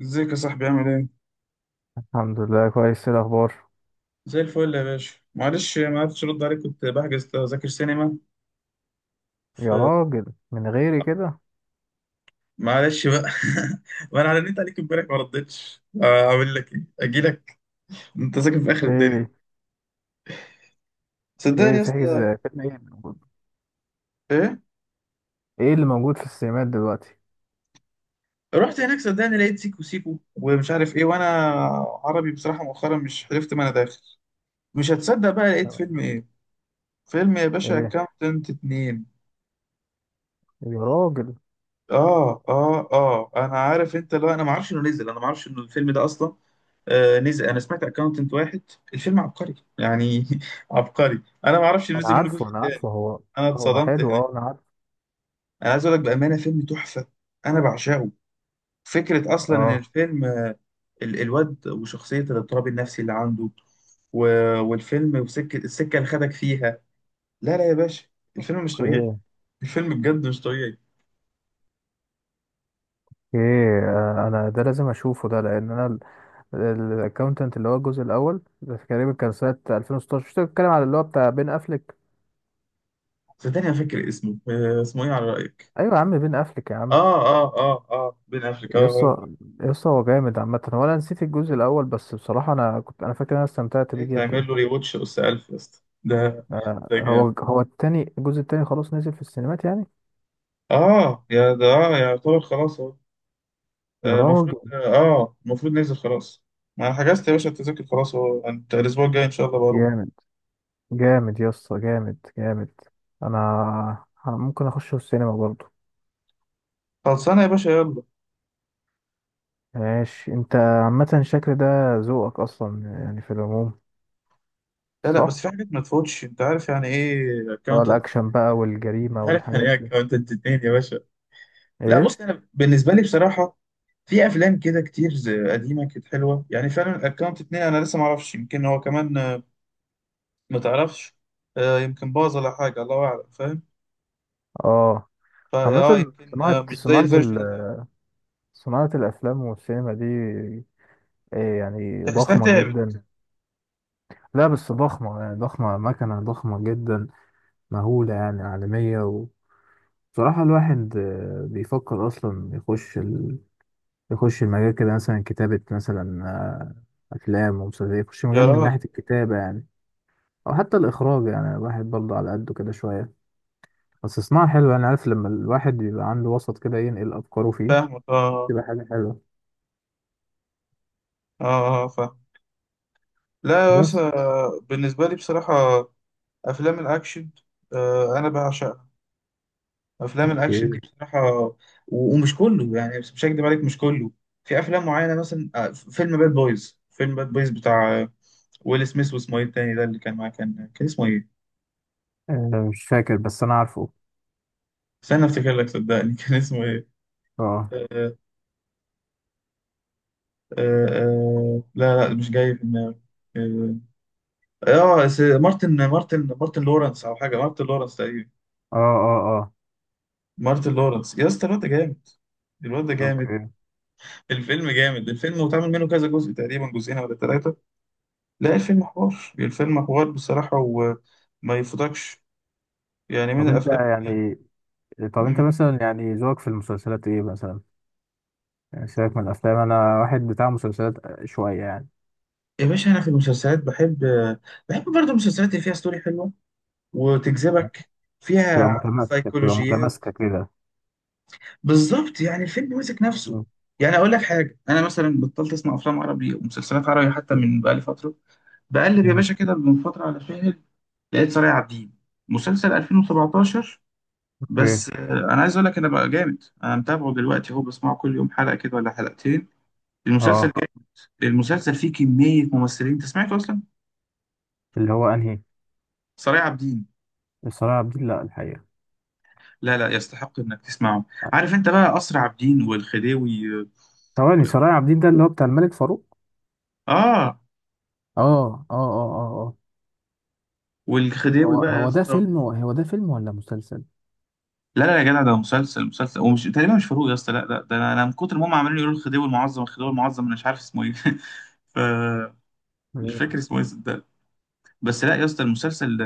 ازيك يا صاحبي، عامل ايه؟ الحمد لله، كويس. إيه الاخبار؟ زي الفل يا باشا، معلش ما عرفتش ارد عليك، كنت بحجز تذاكر سينما ف يا راجل، من غيري كده؟ معلش بقى. وانا رنيت عليك امبارح ما ردتش، اعمل لك ايه؟ اجي لك؟ انت ساكن في اخر الدنيا، ايه، صدقني ايه يا بتحجز؟ اسطى. فيلم ايه اللي موجود؟ ايه؟ ايه اللي موجود في السينمات دلوقتي؟ رحت هناك صدقني، لقيت سيكو سيكو ومش عارف ايه، وانا عربي بصراحة مؤخرا مش عرفت، ما انا داخل. مش هتصدق بقى، لقيت فيلم ايه؟ فيلم يا باشا ايه اكاونتنت اتنين. يا راجل. اه اه اه انا عارف، انت لو انا ما اعرفش انه نزل، انا ما اعرفش انه الفيلم ده اصلا. نزل. انا سمعت اكاونتنت واحد. الفيلم عبقري يعني. عبقري. انا ما اعرفش انا نزل منه عارفه، جزء انا تاني. عارفه هو. انا هو اتصدمت حلو، هناك. اه، انا عارفه. انا عايز اقول لك بامانه، فيلم تحفه. انا بعشقه. فكره اصلا ان اه. الفيلم الواد وشخصيه الاضطراب النفسي اللي عنده، والفيلم وسكه، السكه اللي خدك فيها. لا لا يا باشا، الفيلم مش طبيعي. ايه. الفيلم بجد مش طبيعي. انا ده لازم اشوفه ده، لان انا الاكونتنت اللي هو الجزء الاول ده تقريبا كان سنه 2016، مش بتتكلم على اللي هو بتاع بين افلك؟ صدقني انا فاكر اسمه، اسمه ايه على رايك؟ ايوه يا عم، بين افلك يا عم. اه اه اه اه بين افريكا. يسطا، يسطا هو جامد عامة. هو أنا نسيت الجزء الأول، بس بصراحة أنا فاكر إن أنا استمتعت ليه بيه تعمل جدا. له ريواتش اس 1000 يا اسطى؟ ده ده هو جامد. هو التاني، الجزء التاني خلاص نزل في السينمات يعني. اه يا ده اه يعتبر خلاص اهو. يا المفروض راجل. المفروض ننزل خلاص. ما انا حجزت يا باشا التذاكر خلاص اهو، انت الاسبوع الجاي ان شاء الله بروح. جامد، جامد يسطا، جامد جامد. أنا ممكن أخشه السينما برضو. خلصانه يا باشا، يلا. ماشي. أنت عامة الشكل ده ذوقك أصلا، يعني في العموم، لا لا صح؟ بس في حاجات ما تفوتش، انت عارف يعني ايه اللي هو اكونتنت؟ الأكشن بقى انت والجريمة عارف يعني والحاجات ايه دي. اكونتنت اتنين يا باشا؟ لا إيه؟ بص، انا بالنسبه لي بصراحه في افلام كده كتير قديمه كانت حلوه. يعني فعلا اكونت اتنين انا لسه ما اعرفش، يمكن هو كمان ما تعرفش، يمكن باظ ولا حاجه، الله اعلم، فاهم؟ آه. فا اه عامة يمكن مش زي الفيرجن الاول. صناعة الأفلام والسينما دي، إيه يعني؟ تحسها ضخمة تعبت. جدا. لا بس ضخمة، يعني ضخمة مكنة، ضخمة جدا، مهولة يعني، عالمية. وبصراحة الواحد بيفكر أصلا يخش يخش المجال كده، مثلا كتابة، مثلا أفلام ومسلسلات، يخش يا مجال من ناحية راجل، الكتابة يعني، أو حتى الإخراج يعني. الواحد برضه على قده كده شوية، بس صناعة حلوة. أنا عارف لما الواحد بيبقى عنده وسط كده ينقل أفكاره فيه، فاهمك اه. تبقى حاجة حلوة. اه اه فاهم. لا يا بس. باشا، بالنسبة لي بصراحة أفلام الأكشن، أنا بعشقها. أفلام الأكشن دي أوكي. بصراحة، ومش كله يعني، بس مش هكدب عليك، مش كله. في أفلام معينة مثلا، فيلم باد بويز. فيلم باد بويز بتاع ويل سميث، واسمه إيه التاني ده اللي كان معاه؟ كان كان اسمه إيه؟ مش فاكر، بس أنا عارفه. استنى أفتكر لك صدقني. كان اسمه إيه؟ أه آه آه آه، لا لا مش جاي في دماغي. اه مارتن لورنس، أو حاجة مارتن لورنس تقريبا. أه أه أه. مارتن لورنس يا اسطى، الواد ده جامد. الواد ده جامد. أوكي. الفيلم جامد، الفيلم واتعمل منه كذا جزء تقريبا، جزئين ولا ثلاثة. لا، الفيلم حوار، الفيلم حوار بصراحة، وما يفوتكش. يعني من طب انت الأفلام اللي... يعني طب انت مم. مثلا، يعني ذوقك في المسلسلات ايه مثلا؟ يعني سيبك من الافلام، انا واحد بتاع مسلسلات شويه يعني. يا باشا أنا في المسلسلات بحب، بحب برضه المسلسلات اللي فيها ستوري حلوة وتجذبك، فيها تبقى متماسكه بتبقى سيكولوجيات. متماسكه كده. بالظبط، يعني الفيلم ماسك نفسه. مم. يعني أقول لك حاجة، أنا مثلا بطلت أسمع أفلام عربي ومسلسلات عربي حتى من بقالي فترة. بقلب يا مم. باشا كده من فترة على فيلم، لقيت صالح عابدين، مسلسل 2017. اوكي. بس انا عايز اقول لك، انا بقى جامد انا متابعه دلوقتي، هو بسمعه كل يوم حلقه كده ولا حلقتين. المسلسل، اه. المسلسل فيه كميه ممثلين، انت سمعته اصلا؟ اللي هو انهي؟ صالح عابدين. صلاح عبد الدين، لا الحقيقه. لا لا، يستحق انك تسمعه. عارف انت بقى اسرع عابدين والخديوي ثواني، صلاح عبد الدين ده اللي هو بتاع الملك فاروق؟ اه، اه اه اه اه اه. والخديوي بقى يا اسطى هو ده فيلم ولا مسلسل؟ لا لا يا جدع، ده مسلسل، مسلسل، ومش تقريبا مش فاروق يا اسطى، لا لا ده أنا من كتر ما هم عمالين يقولوا الخديوي المعظم الخديوي المعظم، انا مش عارف اسمه ايه. ف مش اوكي. فاكر اسمه ايه. بس لا يا اسطى، المسلسل،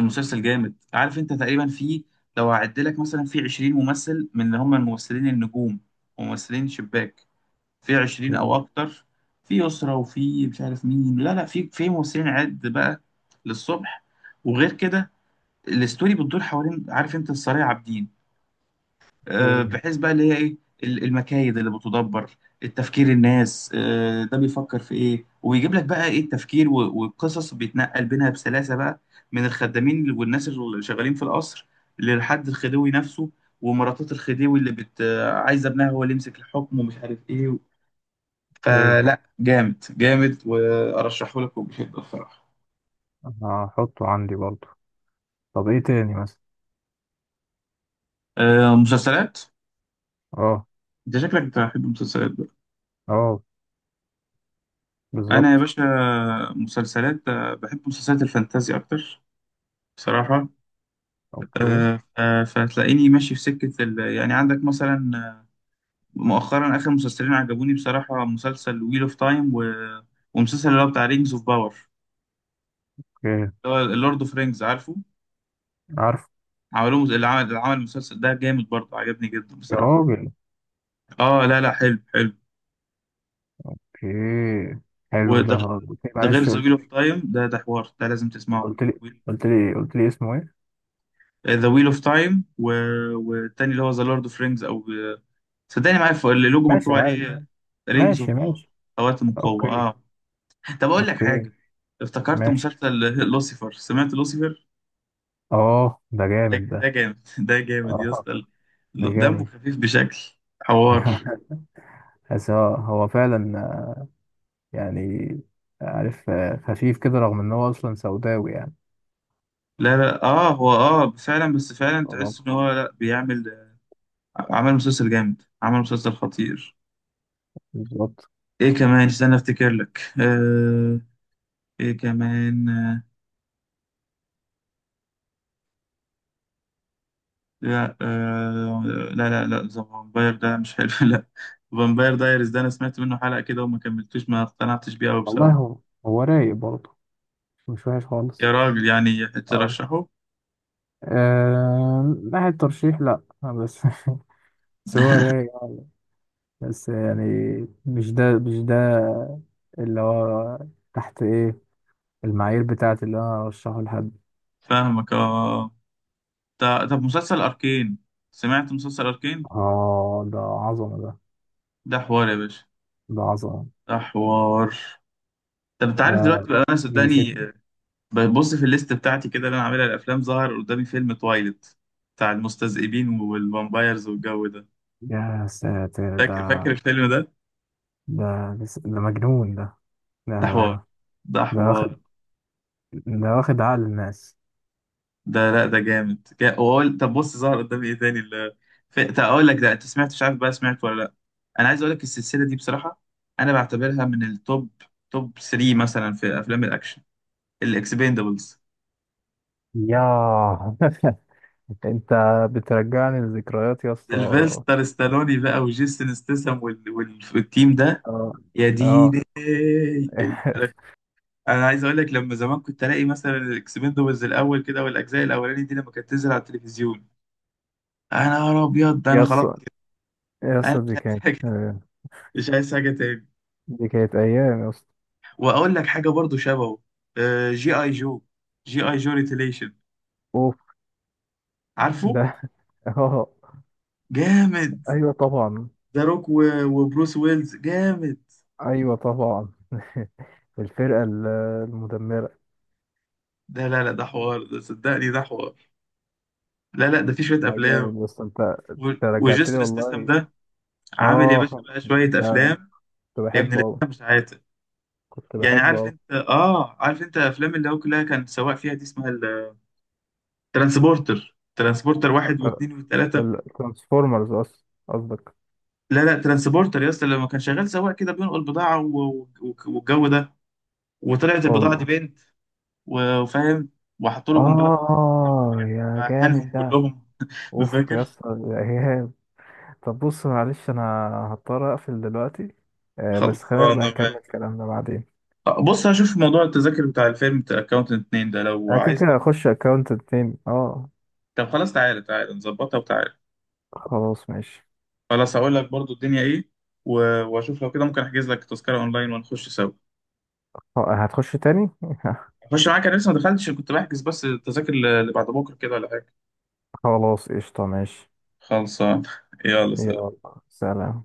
المسلسل جامد. عارف انت تقريبا فيه، لو هعد لك مثلا في 20 ممثل، من اللي هم الممثلين النجوم، ممثلين شباك، في 20 او اوكي. اكتر، في اسره وفي مش عارف مين. لا لا، في ممثلين عد بقى للصبح. وغير كده الاستوري بتدور حوالين، عارف انت السرايا عابدين، اوكي. بحيث بقى اللي هي ايه، المكايد اللي بتدبر، التفكير، الناس ده بيفكر في ايه وبيجيب لك بقى ايه، التفكير، والقصص بيتنقل بينها بسلاسة بقى، من الخدامين والناس اللي شغالين في القصر، للحد الخديوي نفسه، ومراتات الخديوي اللي بت آه، عايزة ابنها هو اللي يمسك الحكم ومش عارف ايه. اوكي. فلا، جامد جامد، وارشحه لك وبشدة الصراحة. انا هحطه عندي برضه. طب ايه تاني مثلا؟ مسلسلات. اه. انت شكلك بتحب المسلسلات بقى. اه. انا يا بالظبط. باشا مسلسلات، بحب مسلسلات الفانتازي اكتر بصراحة. اوكي. فتلاقيني ماشي في سكة ال... يعني عندك مثلا مؤخرا، آخر مسلسلين عجبوني بصراحة، مسلسل ويل اوف تايم، و... ومسلسل اللي هو بتاع رينجز اوف باور، اوكي. اللي هو اللورد اوف رينجز، عارفه؟ عارف. عملوه اللي عمل، اللي عمل المسلسل ده جامد برضه، عجبني جدا يا بصراحة. راجل. اه لا لا، حلو حلو. اوكي. حلو وده ده. غ- قلت لي، ده غير معلش، ذا ويل اوف تايم، ده ده حوار، ده لازم تسمعه. قلت لي قلت لي اسمه ايه؟ ذا ويل اوف تايم، و... والتاني اللي هو ذا لورد اوف رينجز، او صدقني معايا اللوجو ماشي، مكتوب انا عارف. عليه رينجز ماشي اوف باور، ماشي. خواتم القوة اوكي. اه. طب اقول لك حاجه، اوكي. افتكرت ماشي. مسلسل. لوسيفر. سمعت لوسيفر؟ اه، ده ده جامد ده ده. جامد. ده جامد يا اه، اسطى، ده دمه جامد. خفيف بشكل، حوار. بس هو فعلا، يعني، عارف، خفيف كده، رغم ان هو اصلا سوداوي يعني. لا لا اه، هو اه فعلا، بس فعلا بالظبط. تحس ان هو لا بيعمل، عمل مسلسل جامد، عمل مسلسل خطير. بالظبط. ايه كمان؟ استنى افتكر لك. آه، ايه كمان آه، لا آه، لا لا لا ذا فامباير ده مش حلو. لا، فامباير دايرز، ده انا سمعت منه حلقة كده وما كملتوش، ما اقتنعتش بيه قوي والله بصراحة. هو رايق برضه، مش وحش خالص. يا راجل، يعني اه. ترشحه؟ ناحية ترشيح لا، بس. بس هو رايق، بس يعني مش ده اللي هو تحت ايه المعايير بتاعت اللي انا ارشحه لحد. فاهمك اه. طب مسلسل اركين، سمعت مسلسل اركين؟ اه، ده عظمة ده. ده حوار يا باشا، ده عظمة. ده حوار. طب انت عارف ده دلوقتي بقى، انا بيشد. صدقني ببص في الليست بتاعتي كده اللي انا عاملها الافلام، ظهر قدامي فيلم تويلت بتاع المستذئبين والفامبايرز والجو ده، يا ساتر فاكر ده. فاكر الفيلم ده؟ ده ده مجنون ده. ده ده حوار، ده ده حوار. واخد، ده واخد عقل الناس. ده لا ده جامد، وأقول طب بص ظهر قدامي ايه تاني اللي، طب اقول لك ده، انت سمعت؟ مش عارف بقى سمعت ولا لا، انا عايز اقول لك السلسله دي بصراحه انا بعتبرها من التوب، توب 3 مثلا في افلام الاكشن، الاكسبندبلز. ياه. انت بترجعني لذكريات يا اسطى. سيلفستر ستالوني بقى، وجيسون ستاثام، وال... وال... والتيم ده. اه يا اه. ديني ال- انا عايز اقول لك، لما زمان كنت الاقي مثلا الاكسبندبلز الاول كده، والاجزاء الاولاني دي لما كانت تنزل على التلفزيون، انا يا ابيض ده يا انا خلاص، اسطى، يا انا اسطى مش دي عايز كانت، حاجه، مش عايز حاجه تاني. دي كانت ايام يا اسطى. واقول لك حاجه برضو شبهه، جي اي جو، جي اي جو ريتيليشن، اوف عارفه؟ ده، اه. جامد. ايوه طبعا. ذا روك، وبروس ويلز جامد. ايوه طبعا. الفرقه المدمره. ده لا لا ده حوار، ده صدقني ده حوار. لا لا ده في شويه لا جامد، افلام، بس انت و- انت رجعتني وجيسون ستاثام والله. ده عامل يا باشا اه بقى شويه ده، افلام، كنت ابن بحبه اوي، الافلام، مش عاتق. كنت يعني بحبه عارف اوي انت اه، عارف انت افلام اللي هو كلها كان سواق فيها دي اسمها الترانسبورتر، ترانسبورتر واحد اكتر. واثنين وثلاثه. الترانسفورمرز اصلا قصدك. لا لا ترانسبورتر يا اسطى، لما كان شغال سواق كده بينقل بضاعه، والجو ده، وطلعت البضاعة دي اه بنت، وفاهم، وحطوا له قنبلة في العربية. اه، يا هنهم جامد ده. كلهم. اوف يا مذاكر. اسطى، يا ايهاب. طب بص، معلش، انا هضطر اقفل دلوقتي. آه بس خلينا نبقى خلصانة بقى، نكمل كلامنا بعدين. بص هشوف موضوع التذاكر بتاع الفيلم بتاع اكاونتنت 2 ده لو انا كده عايز كده ده. هخش اكونت تاني، اه. طب خلاص، تعالى تعالى نظبطها، وتعالى. خلاص ماشي. خلاص هقول لك برضو الدنيا ايه، واشوف لو كده ممكن احجز لك تذكرة اونلاين ونخش سوا. هتخش تاني. اخش معاك، انا لسه ما دخلتش، كنت بحجز بس التذاكر اللي بعد بكره كده ولا حاجه. خلاص قشطة ماشي. خلصان. يلا سلام. يلا سلام.